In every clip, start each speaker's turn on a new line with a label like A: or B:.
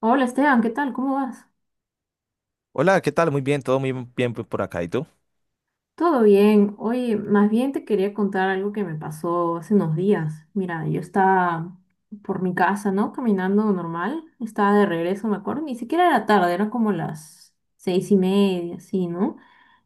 A: Hola Esteban, ¿qué tal? ¿Cómo vas?
B: Hola, ¿qué tal? Muy bien, todo muy bien por acá. ¿Y tú?
A: Todo bien. Oye, más bien te quería contar algo que me pasó hace unos días. Mira, yo estaba por mi casa, ¿no? Caminando normal. Estaba de regreso, me acuerdo. Ni siquiera era tarde, eran como las 6:30, así, ¿no?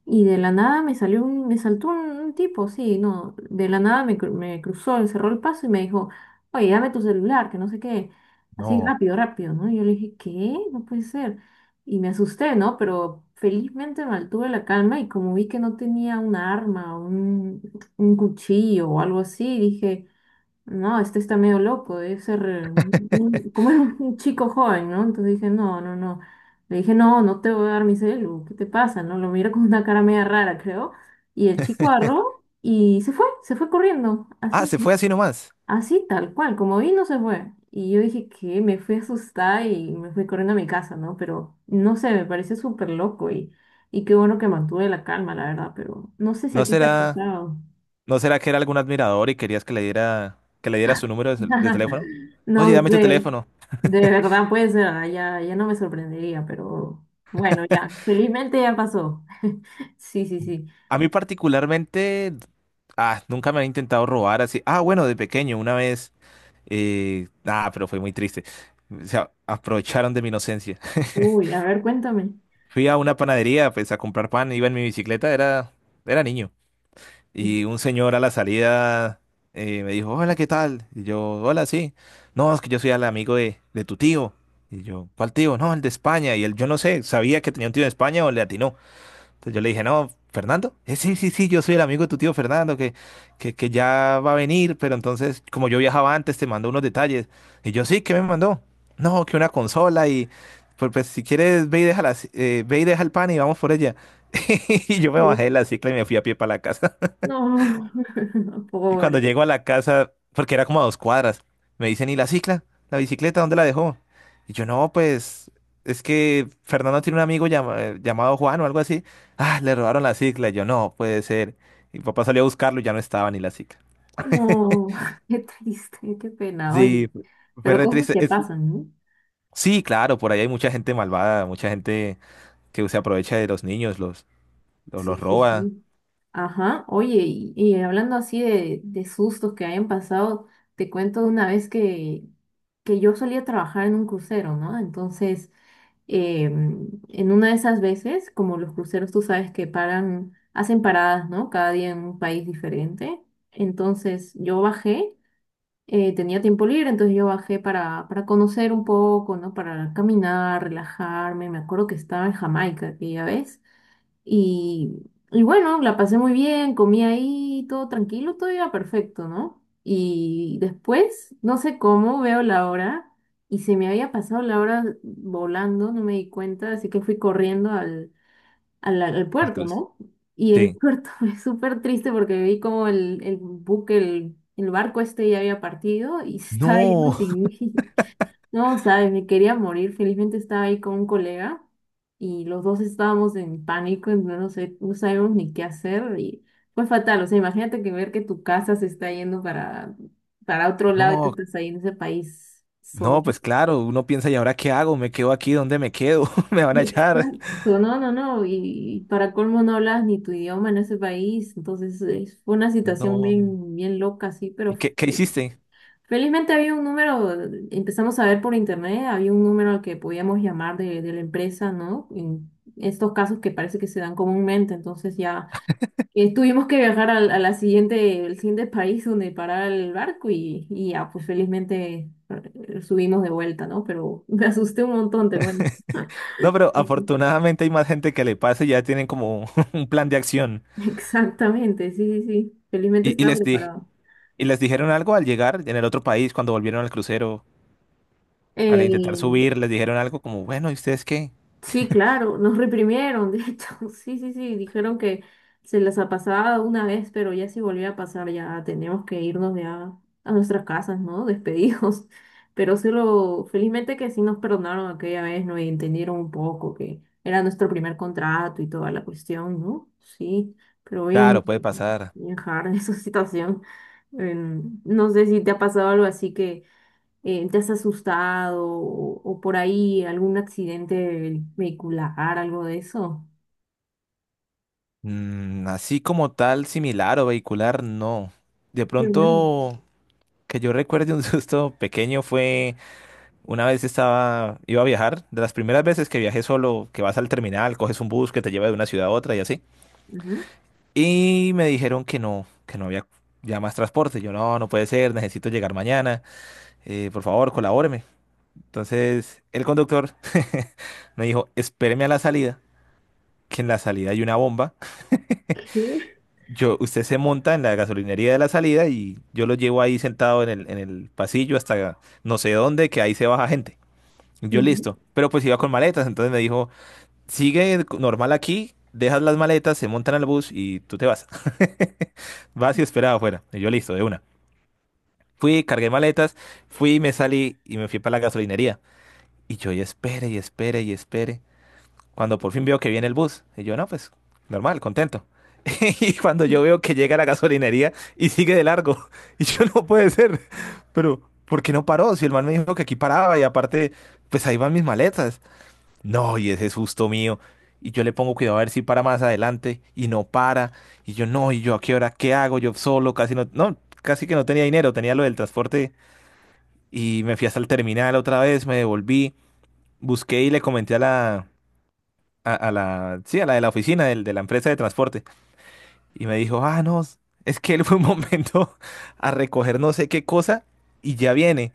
A: Y de la nada me saltó un tipo, sí, no. De la nada me cruzó, me cerró el paso y me dijo, oye, dame tu celular, que no sé qué. Así
B: No.
A: rápido, rápido, ¿no? Y yo le dije, ¿qué? No puede ser. Y me asusté, ¿no? Pero felizmente mantuve la calma y como vi que no tenía un arma, un cuchillo o algo así, dije, no, este está medio loco, debe ser como era un chico joven, ¿no? Entonces dije, no, no, no. Le dije, no, no te voy a dar mi celu, ¿qué te pasa? ¿No? Lo mira con una cara media rara, creo. Y el chico agarró y se fue corriendo,
B: Ah,
A: así.
B: se fue así nomás.
A: Así tal cual, como vino se fue. Y yo dije que me fui asustada y me fui corriendo a mi casa, ¿no? Pero no sé, me pareció súper loco y qué bueno que mantuve la calma, la verdad, pero no sé si
B: ¿No
A: a ti te ha
B: será,
A: pasado.
B: ¿No será que era algún admirador y querías que le diera su número de, de teléfono? Oye,
A: No
B: dame tu
A: sé,
B: teléfono.
A: de verdad puede ser, ah, ya no me sorprendería, pero bueno, ya, felizmente ya pasó. Sí, sí, sí.
B: A mí particularmente, nunca me han intentado robar así. Ah, bueno, de pequeño, una vez. Pero fue muy triste. Aprovecharon de mi inocencia.
A: Uy, a ver, cuéntame.
B: Fui a una panadería, pues, a comprar pan, iba en mi bicicleta, era, era niño. Y
A: Ujú.
B: un señor a la salida me dijo, hola, ¿qué tal? Y yo, hola, sí. No, es que yo soy el amigo de tu tío. Y yo, ¿cuál tío? No, el de España. Y él, yo no sé, sabía que tenía un tío de España o le atinó. Entonces yo le dije, no, Fernando. Sí, sí, sí, yo soy el amigo de tu tío Fernando, que ya va a venir, pero entonces, como yo viajaba antes, te mandó unos detalles. Y yo, sí, ¿qué me mandó? No, que una consola y, pues, pues, si quieres, ve y déjala, ve y deja el pan y vamos por ella. Y yo me bajé
A: Sí.
B: de la cicla y me fui a pie para la casa.
A: No,
B: Y cuando
A: pobre.
B: llego a la casa, porque era como a dos cuadras, me dicen, ¿y la cicla? ¿La bicicleta? ¿Dónde la dejó? Y yo, no, pues, es que Fernando tiene un amigo llamado Juan o algo así. Ah, le robaron la cicla. Y yo, no, puede ser. Y mi papá salió a buscarlo y ya no estaba ni la cicla.
A: No, qué triste, qué pena. Oye.
B: Sí, fue
A: Pero
B: re
A: cosas
B: triste.
A: que pasan, ¿no?
B: Sí, claro, por ahí hay mucha gente malvada, mucha gente que se aprovecha de los niños,
A: Sí,
B: los
A: sí,
B: roba.
A: sí. Ajá, oye, y hablando así de sustos que hayan pasado, te cuento de una vez que yo solía trabajar en un crucero, ¿no? Entonces, en una de esas veces, como los cruceros, tú sabes que paran, hacen paradas, ¿no? Cada día en un país diferente. Entonces, yo bajé, tenía tiempo libre, entonces yo bajé para conocer un poco, ¿no? Para caminar, relajarme. Me acuerdo que estaba en Jamaica aquella vez. Y bueno, la pasé muy bien, comí ahí, todo tranquilo, todo iba perfecto, ¿no? Y después, no sé cómo, veo la hora y se me había pasado la hora volando, no me di cuenta, así que fui corriendo al
B: Al
A: puerto,
B: cruz.
A: ¿no? Y el
B: Sí.
A: puerto fue súper triste porque vi como el buque, el barco este ya había partido y se estaba yendo
B: No,
A: sin mí. No, sabes, me quería morir. Felizmente estaba ahí con un colega y los dos estábamos en pánico, en- no sé, no sabíamos ni qué hacer y fue fatal. O sea, imagínate que ver que tu casa se está yendo para otro lado y tú
B: no.
A: estás ahí en ese país solo.
B: No, pues claro, uno piensa, ¿y ahora qué hago? ¿Me quedo aquí? ¿Dónde me quedo? ¿Me van a echar?
A: Exacto. No, no, no. Y, para colmo no hablas ni tu idioma en ese país. Entonces, es- fue una situación
B: No.
A: bien, bien loca, sí, pero
B: ¿Y qué hiciste?
A: felizmente había un número, empezamos a ver por internet, había un número al que podíamos llamar de la empresa, ¿no? En estos casos que parece que se dan comúnmente, entonces ya tuvimos que viajar a la siguiente, el siguiente país donde parar el barco y ya, pues felizmente subimos de vuelta, ¿no? Pero me asusté un montón, te cuento.
B: No, pero
A: Ujú.
B: afortunadamente hay más gente que le pasa y ya tienen como un plan de acción.
A: Exactamente, sí, sí, sí. Felizmente
B: Y, y
A: estaba
B: les di,
A: preparado.
B: y les dijeron algo al llegar en el otro país, cuando volvieron al crucero, al intentar
A: Eh,
B: subir, les dijeron algo como, bueno, ¿y ustedes qué?
A: Sí, claro, nos reprimieron, de hecho, sí, sí, sí, dijeron que se las ha pasado una vez, pero ya si volvía a pasar, ya teníamos que irnos ya a nuestras casas, ¿no? Despedidos. Pero sí lo, felizmente que sí nos perdonaron aquella vez, ¿no? Y entendieron un poco que era nuestro primer contrato y toda la cuestión, ¿no? Sí, pero bien,
B: Claro, puede pasar.
A: bien hard en esa situación. No sé si te ha pasado algo así que te has asustado o por ahí algún accidente vehicular, algo de eso.
B: Mm, así como tal, similar o vehicular, no. De
A: Qué bueno.
B: pronto, que yo recuerde un susto pequeño fue. Una vez estaba, iba a viajar, de las primeras veces que viajé solo, que vas al terminal, coges un bus que te lleva de una ciudad a otra y así.
A: Ujú.
B: Y me dijeron que no había ya más transporte. Yo, no, no puede ser, necesito llegar mañana, por favor, colabóreme. Entonces, el conductor me dijo, espéreme a la salida, que en la salida hay una bomba.
A: ¿Qué?
B: Yo, usted se monta en la gasolinería de la salida y yo lo llevo ahí sentado en el pasillo hasta no sé dónde, que ahí se baja gente. Yo
A: Ujú.
B: listo, pero pues iba con maletas, entonces me dijo... sigue normal aquí, dejas las maletas, se montan al bus y tú te vas. Vas y esperaba afuera. Y yo listo, de una. Fui, cargué maletas, fui, me salí y me fui para la gasolinería. Y espere y espere y espere. Cuando por fin veo que viene el bus, y yo no, pues normal, contento. Y cuando yo veo que llega a la gasolinería y sigue de largo, y yo no puede ser, pero ¿por qué no paró? Si el man me dijo que aquí paraba y aparte, pues ahí van mis maletas. No, y ese es justo mío. Y yo le pongo cuidado a ver si para más adelante y no para. Y yo no, y yo a qué hora, qué hago, yo solo, casi casi que no tenía dinero, tenía lo del transporte y me fui hasta el terminal otra vez, me devolví, busqué y le comenté a la, sí, a la de la oficina de la empresa de transporte y me dijo, ah, no, es que él fue un momento a recoger no sé qué cosa y ya viene.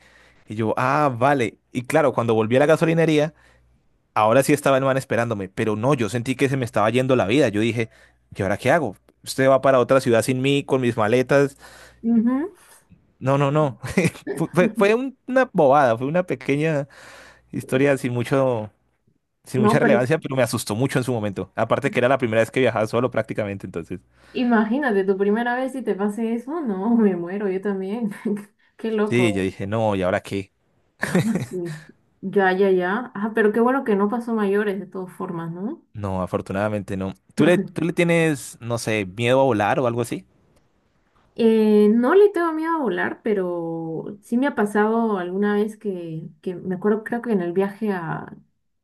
B: Y yo, ah, vale. Y claro, cuando volví a la gasolinería ahora sí estaba el man esperándome, pero no, yo sentí que se me estaba yendo la vida. Yo dije, ¿y ahora qué hago? Usted va para otra ciudad sin mí, con mis maletas.
A: Ujú.
B: No, no, no. Una bobada, fue una pequeña historia sin mucho, sin mucha
A: No, pero
B: relevancia, pero me asustó mucho en su momento. Aparte que era la primera vez que viajaba solo prácticamente, entonces.
A: imagínate, tu primera vez si te pase eso, no, me muero, yo también. Qué
B: Sí, yo
A: loco.
B: dije, no, ¿y ahora qué?
A: Ah, sí. Ya, ya, ya. Ah, pero qué bueno que no pasó mayores de todas formas, ¿no?
B: No, afortunadamente no. Tú le tienes, no sé, miedo a volar o algo así?
A: No le tengo miedo a volar, pero sí me ha pasado alguna vez que me acuerdo, creo que en el viaje a,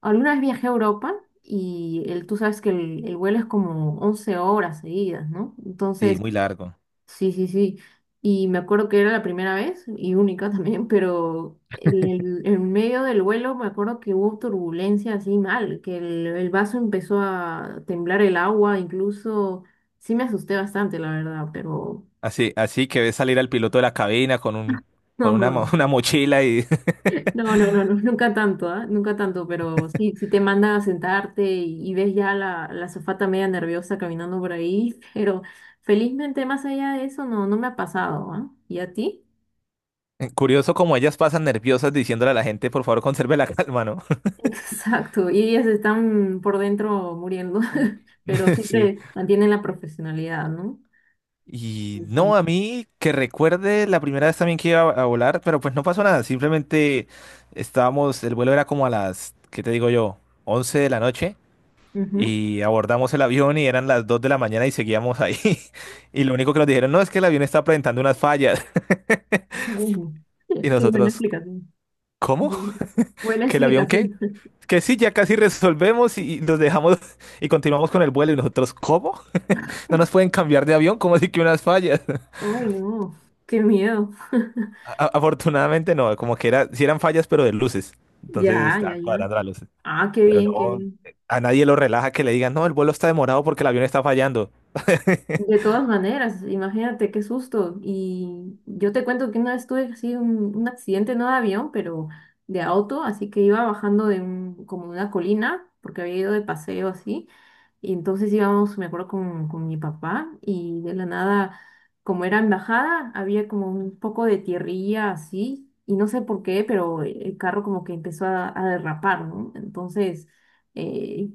A: alguna vez viajé a Europa y el, tú sabes que el vuelo es como 11 horas seguidas, ¿no?
B: Sí,
A: Entonces,
B: muy largo.
A: sí, sí, sí. Y me acuerdo que era la primera vez y única también, pero en, el- en medio del vuelo me acuerdo que hubo turbulencia así mal, que el vaso empezó a temblar el agua, incluso sí me asusté bastante, la verdad, pero
B: Así, así que ves salir al piloto de la cabina con un,
A: no, no. No.
B: una mochila y
A: No, no, no, no, nunca tanto, ¿ah? Nunca tanto, pero sí, sí te mandan a sentarte y ves ya la azafata media nerviosa caminando por ahí, pero felizmente más allá de eso no, no me ha pasado, ¿ah? ¿Y a ti?
B: curioso como ellas pasan nerviosas diciéndole a la gente, por favor, conserve la calma, ¿no?
A: Exacto, y ellas están por dentro muriendo, pero
B: Sí.
A: siempre mantienen la profesionalidad, ¿no?
B: Y no, a
A: Sí.
B: mí que recuerde la primera vez también que iba a volar, pero pues no pasó nada, simplemente estábamos, el vuelo era como a las, ¿qué te digo yo? 11 de la noche
A: Ujú.
B: y abordamos el avión y eran las 2 de la mañana y seguíamos ahí. Y lo único que nos dijeron, no, es que el avión está presentando unas fallas.
A: Bueno,
B: Y
A: qué buena
B: nosotros,
A: explicación.
B: ¿cómo?
A: Bien. Buena
B: ¿Que el avión qué?
A: explicación.
B: Que sí, ya casi resolvemos y los dejamos y continuamos con el vuelo. Y nosotros, ¿cómo? ¿No nos pueden cambiar de avión? ¿Cómo así que unas fallas?
A: Ay, no, qué miedo.
B: Afortunadamente no, como que era, sí eran fallas, pero de luces. Entonces
A: Ya, ya,
B: estaban
A: ya.
B: cuadrando las luces.
A: Ah, qué
B: Pero
A: bien, qué
B: no,
A: bien.
B: a nadie lo relaja que le digan, no, el vuelo está demorado porque el avión está fallando.
A: De todas maneras, imagínate qué susto. Y yo te cuento que una vez tuve así un accidente, no de avión, pero de auto, así que iba bajando de un, como de una colina, porque había ido de paseo así, y entonces íbamos, me acuerdo, con mi papá y de la nada, como era en bajada, había como un poco de tierrilla así y no sé por qué, pero el carro como que empezó a derrapar, ¿no? Entonces, eh,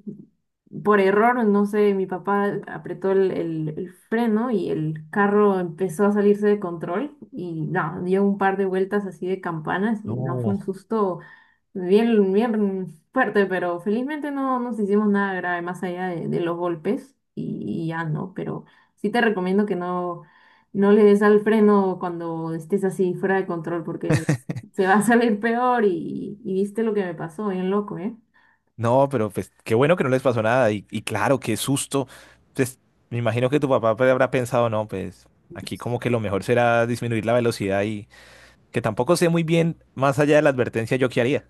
A: por error, no sé, mi papá apretó el freno y el carro empezó a salirse de control y no, dio un par de vueltas así de campanas y no fue un
B: No,
A: susto bien, bien fuerte, pero felizmente no nos hicimos nada grave más allá de los golpes y ya no, pero sí te recomiendo que no, no le des al freno cuando estés así fuera de control porque se va a salir peor y viste lo que me pasó, bien loco, ¿eh?
B: no, pero pues qué bueno que no les pasó nada. Y claro, qué susto. Pues me imagino que tu papá pues, habrá pensado, no, pues aquí como que lo mejor será disminuir la velocidad que tampoco sé muy bien, más allá de la advertencia, yo qué haría.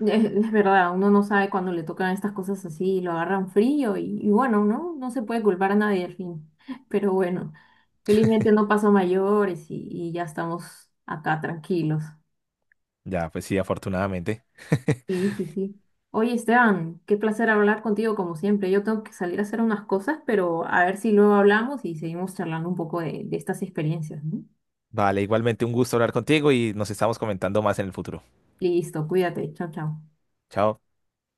A: Es verdad, uno no sabe cuando le tocan estas cosas así y lo agarran frío y bueno, ¿no? No se puede culpar a nadie al fin, pero bueno, felizmente no pasó a mayores y ya estamos acá tranquilos.
B: Ya, pues sí, afortunadamente.
A: Sí, sí, sí. Oye, Esteban, qué placer hablar contigo como siempre. Yo tengo que salir a hacer unas cosas, pero a ver si luego hablamos y seguimos charlando un poco de estas experiencias, ¿no?
B: Vale, igualmente un gusto hablar contigo y nos estamos comentando más en el futuro.
A: Listo, cuídate. Chao, chao.
B: Chao.